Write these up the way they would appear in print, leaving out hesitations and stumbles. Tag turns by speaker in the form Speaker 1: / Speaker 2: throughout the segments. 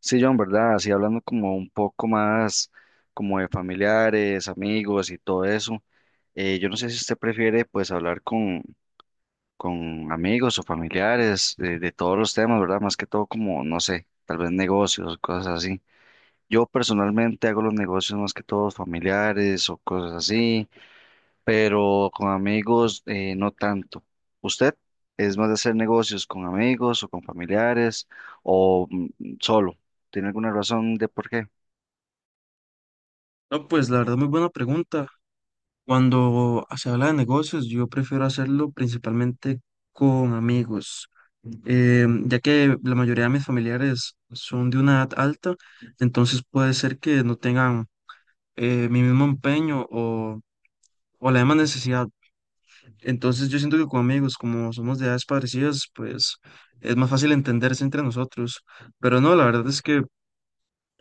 Speaker 1: Sí, John, ¿verdad? Así hablando como un poco más como de familiares, amigos y todo eso. Yo no sé si usted prefiere pues hablar con amigos o familiares de todos los temas, ¿verdad? Más que todo como, no sé, tal vez negocios, cosas así. Yo personalmente hago los negocios más que todos familiares o cosas así, pero con amigos no tanto. ¿Usted es más de hacer negocios con amigos o con familiares o solo? ¿Tiene alguna razón de por qué?
Speaker 2: No, pues la verdad, muy buena pregunta. Cuando se habla de negocios, yo prefiero hacerlo principalmente con amigos, ya que la mayoría de mis familiares son de una edad alta, entonces puede ser que no tengan mi mismo empeño o la misma necesidad. Entonces yo siento que con amigos, como somos de edades parecidas, pues es más fácil entenderse entre nosotros. Pero no, la verdad es que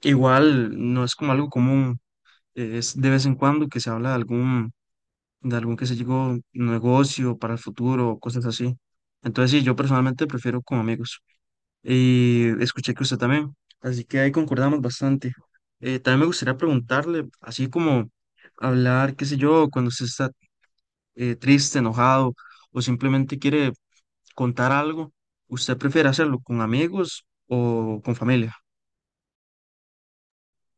Speaker 2: igual no es como algo común, es de vez en cuando que se habla de algún, que se llegó negocio para el futuro, cosas así. Entonces, sí, yo personalmente prefiero con amigos. Y escuché que usted también, así que ahí concordamos bastante. También me gustaría preguntarle, así como hablar, qué sé yo, cuando usted está triste, enojado o simplemente quiere contar algo, ¿usted prefiere hacerlo con amigos o con familia?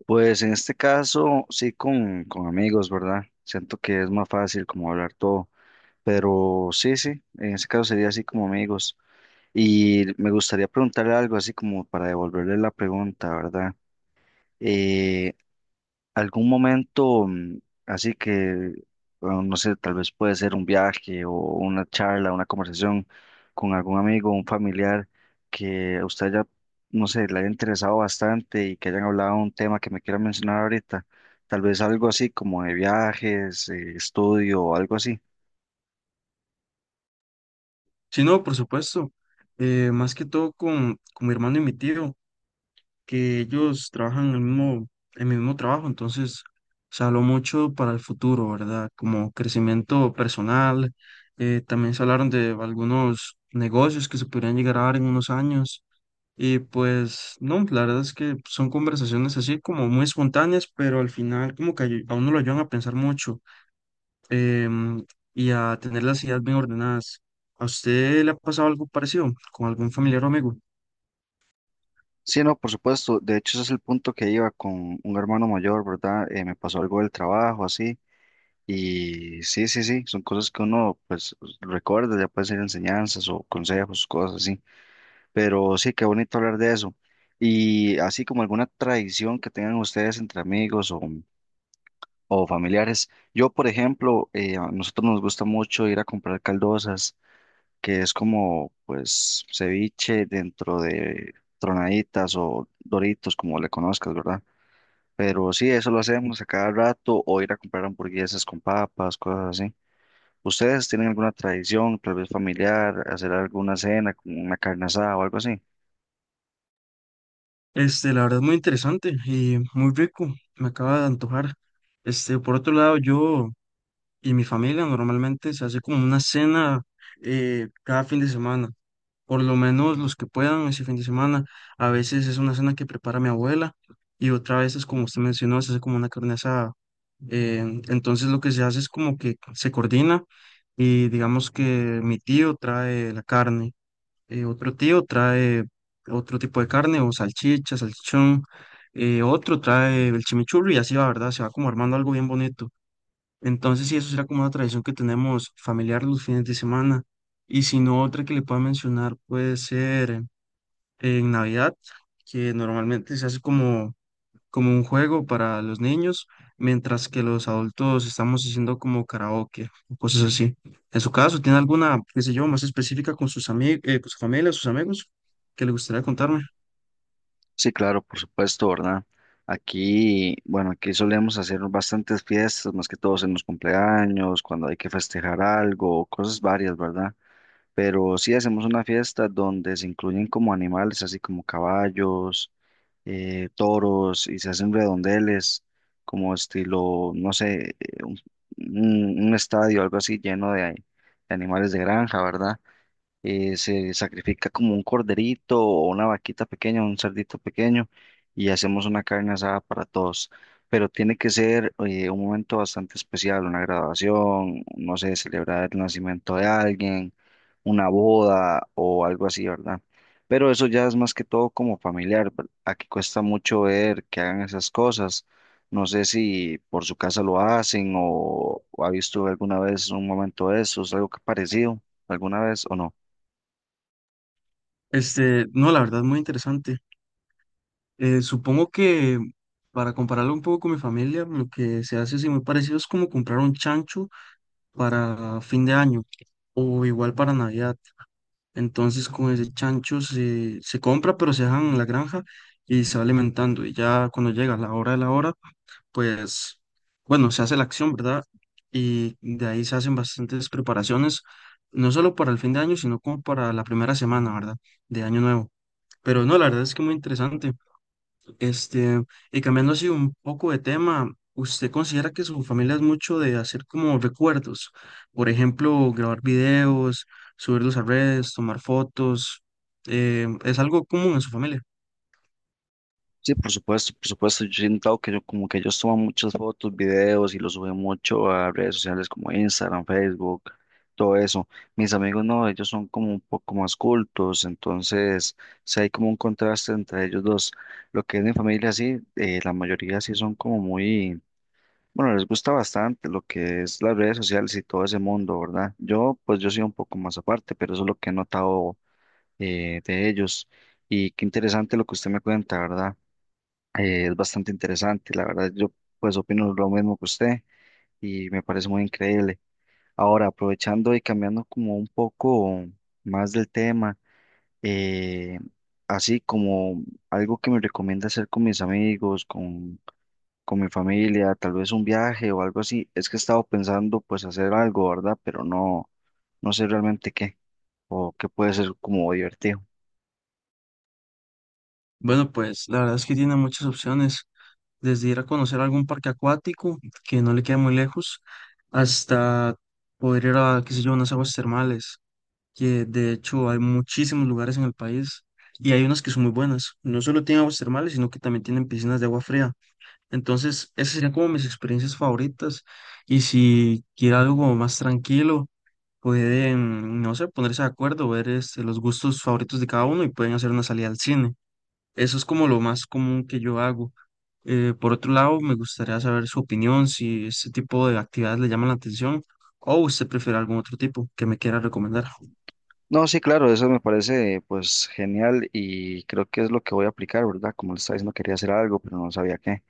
Speaker 1: Pues en este caso sí con amigos, ¿verdad? Siento que es más fácil como hablar todo, pero sí, sí, en este caso sería así como amigos. Y me gustaría preguntarle algo así como para devolverle la pregunta, ¿verdad? Eh, Algún momento, así que, bueno, no sé, tal vez puede ser un viaje o una charla, una conversación con algún amigo, un familiar que a usted ya, no sé, le haya interesado bastante y que hayan hablado de un tema que me quiera mencionar ahorita, tal vez algo así como de viajes, estudio o algo así.
Speaker 2: Si no, por supuesto, más que todo con mi hermano y mi tío, que ellos trabajan en el mismo, en mi mismo trabajo, entonces se habló mucho para el futuro, ¿verdad? Como crecimiento personal, también se hablaron de algunos negocios que se podrían llegar a dar en unos años. Y pues no, la verdad es que son conversaciones así como muy espontáneas, pero al final como que a uno lo ayudan a pensar mucho, em, y a tener las ideas bien ordenadas. ¿A usted le ha pasado algo parecido con algún familiar o amigo?
Speaker 1: Sí, no, por supuesto, de hecho ese es el punto que iba con un hermano mayor, ¿verdad? Me pasó algo del trabajo, así. Y sí, sí, sí, son cosas que uno pues recuerda, ya puede ser enseñanzas o consejos, cosas así. Pero sí, qué bonito hablar de eso. Y así como alguna tradición que tengan ustedes entre amigos o familiares. Yo, por ejemplo, a nosotros nos gusta mucho ir a comprar caldosas, que es como pues ceviche dentro de tronaditas o doritos, como le conozcas, ¿verdad? Pero sí, eso lo hacemos a cada rato, o ir a comprar hamburguesas con papas, cosas así. ¿Ustedes tienen alguna tradición, tal vez familiar, hacer alguna cena, como una carne asada o algo así?
Speaker 2: Este, la verdad, es muy interesante y muy rico, me acaba de antojar. Este, por otro lado, yo y mi familia normalmente se hace como una cena cada fin de semana, por lo menos los que puedan ese fin de semana. A veces es una cena que prepara mi abuela y otra vez es como usted mencionó, se hace como una carne asada. Eh, entonces lo que se hace es como que se coordina y digamos que mi tío trae la carne, otro tío trae otro tipo de carne o salchicha, salchichón, otro trae el chimichurri y así va, ¿verdad? Se va como armando algo bien bonito. Entonces, sí, eso será como una tradición que tenemos familiar los fines de semana. Y si no, otra que le pueda mencionar puede ser en Navidad, que normalmente se hace como un juego para los niños, mientras que los adultos estamos haciendo como karaoke, o cosas así. En su caso, ¿tiene alguna, qué sé yo, más específica con sus amigos, con su familia, sus amigos, que le gustaría contarme?
Speaker 1: Sí, claro, por supuesto, ¿verdad? Aquí, bueno, aquí solemos hacer bastantes fiestas, más que todos en los cumpleaños, cuando hay que festejar algo, cosas varias, ¿verdad? Pero sí hacemos una fiesta donde se incluyen como animales, así como caballos, toros, y se hacen redondeles, como estilo, no sé, eh, un estadio, algo así lleno de animales de granja, ¿verdad? Se sacrifica como un corderito o una vaquita pequeña, un cerdito pequeño, y hacemos una carne asada para todos. Pero tiene que ser un momento bastante especial, una graduación, no sé, celebrar el nacimiento de alguien, una boda o algo así, ¿verdad? Pero eso ya es más que todo como familiar. Aquí cuesta mucho ver que hagan esas cosas. No sé si por su casa lo hacen o ha visto alguna vez un momento de esos, algo que parecido alguna vez o no.
Speaker 2: Este, no, la verdad, muy interesante. Supongo que para compararlo un poco con mi familia, lo que se hace así muy parecido es como comprar un chancho para fin de año o igual para Navidad. Entonces con ese chancho se compra, pero se dejan en la granja y se va alimentando. Y ya cuando llega la hora de la hora, pues bueno, se hace la acción, ¿verdad? Y de ahí se hacen bastantes preparaciones, no solo para el fin de año, sino como para la primera semana, ¿verdad? De año nuevo. Pero no, la verdad es que muy interesante. Este, y cambiando así un poco de tema, ¿usted considera que su familia es mucho de hacer como recuerdos? Por ejemplo, grabar videos, subirlos a redes, tomar fotos. ¿ ¿Es algo común en su familia?
Speaker 1: Sí, por supuesto, por supuesto. Yo siento que yo, como que ellos toman muchas fotos, videos y los suben mucho a redes sociales como Instagram, Facebook, todo eso. Mis amigos no, ellos son como un poco más cultos, entonces sí hay como un contraste entre ellos dos. Lo que es mi familia, sí, la mayoría sí son como muy, bueno, les gusta bastante lo que es las redes sociales y todo ese mundo, ¿verdad? Yo, pues yo soy un poco más aparte, pero eso es lo que he notado de ellos. Y qué interesante lo que usted me cuenta, ¿verdad? Es bastante interesante, la verdad yo pues opino lo mismo que usted y me parece muy increíble. Ahora, aprovechando y cambiando como un poco más del tema, eh, así como algo que me recomienda hacer con mis amigos, con mi familia, tal vez un viaje o algo así, es que he estado pensando pues hacer algo, ¿verdad? Pero no, no sé realmente qué o qué puede ser como divertido.
Speaker 2: Bueno, pues la verdad es que tiene muchas opciones, desde ir a conocer algún parque acuático que no le queda muy lejos, hasta poder ir a, qué sé yo, unas aguas termales, que de hecho hay muchísimos lugares en el país y hay unas que son muy buenas. No solo tienen aguas termales, sino que también tienen piscinas de agua fría. Entonces, esas serían como mis experiencias favoritas. Y si quiere algo como más tranquilo, pueden, no sé, ponerse de acuerdo, ver este, los gustos favoritos de cada uno y pueden hacer una salida al cine. Eso es como lo más común que yo hago. Por otro lado, me gustaría saber su opinión, si este tipo de actividades le llaman la atención o usted prefiere algún otro tipo que me quiera recomendar.
Speaker 1: No, sí, claro, eso me parece pues genial y creo que es lo que voy a aplicar, ¿verdad? Como le estaba diciendo, quería hacer algo, pero no sabía qué.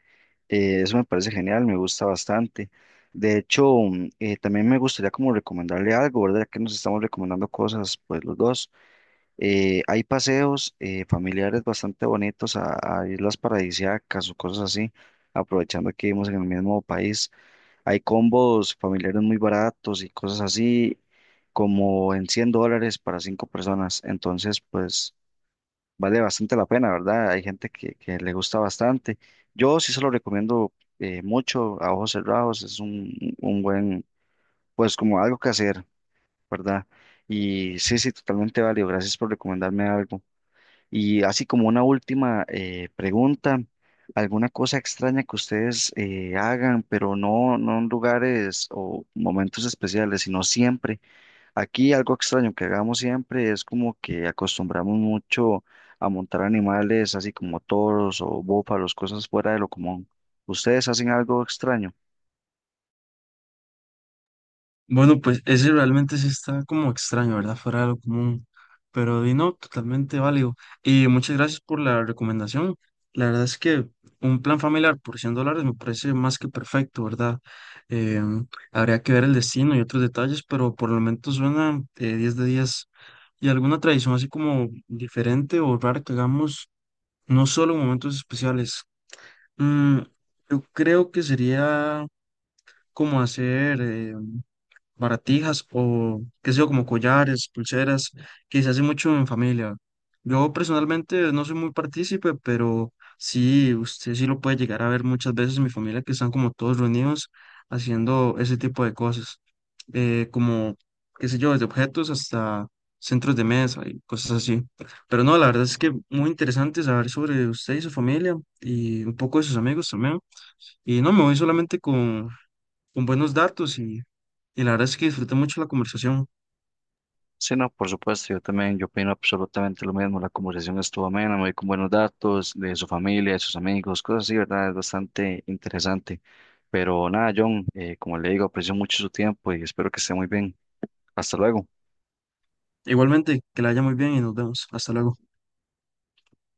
Speaker 1: Eso me parece genial, me gusta bastante. De hecho, también me gustaría como recomendarle algo, ¿verdad? Ya que nos estamos recomendando cosas, pues los dos. Hay paseos familiares bastante bonitos a islas paradisíacas o cosas así, aprovechando que vivimos en el mismo país. Hay combos familiares muy baratos y cosas así, como en $100 para cinco personas. Entonces, pues vale bastante la pena, ¿verdad? Hay gente que le gusta bastante. Yo sí se lo recomiendo mucho a ojos cerrados. Es un buen, pues como algo que hacer, ¿verdad? Y sí, sí, totalmente válido. Gracias por recomendarme algo. Y así como una última pregunta, ¿alguna cosa extraña que ustedes hagan, pero no, no en lugares o momentos especiales, sino siempre? Aquí algo extraño que hagamos siempre es como que acostumbramos mucho a montar animales, así como toros o búfalos, cosas fuera de lo común. ¿Ustedes hacen algo extraño?
Speaker 2: Bueno, pues ese realmente sí está como extraño, ¿verdad? Fuera de lo común. Pero di no, totalmente válido. Y muchas gracias por la recomendación. La verdad es que un plan familiar por $100 me parece más que perfecto, ¿verdad? Em, Habría que ver el destino y otros detalles, pero por el momento suena 10 de 10. ¿Y alguna tradición así como diferente o rara que hagamos no solo en momentos especiales? Mm, yo creo que sería como hacer... baratijas o qué sé yo, como collares, pulseras, que se hace mucho en familia. Yo personalmente no soy muy partícipe, pero sí, usted sí lo puede llegar a ver muchas veces en mi familia que están como todos reunidos haciendo ese tipo de cosas, eh, como, qué sé yo, desde objetos hasta centros de mesa y cosas así. Pero no, la verdad es que muy interesante saber sobre usted y su familia y un poco de sus amigos también. Y no, me voy solamente con buenos datos y la verdad es que disfruté mucho la conversación.
Speaker 1: Sí, no, por supuesto, yo también, yo opino absolutamente lo mismo, la conversación estuvo amena, me voy con buenos datos de su familia, de sus amigos, cosas así, ¿verdad? Es bastante interesante. Pero nada, John, como le digo, aprecio mucho su tiempo y espero que esté muy bien. Hasta luego.
Speaker 2: Igualmente, que la haya muy bien y nos vemos. Hasta luego.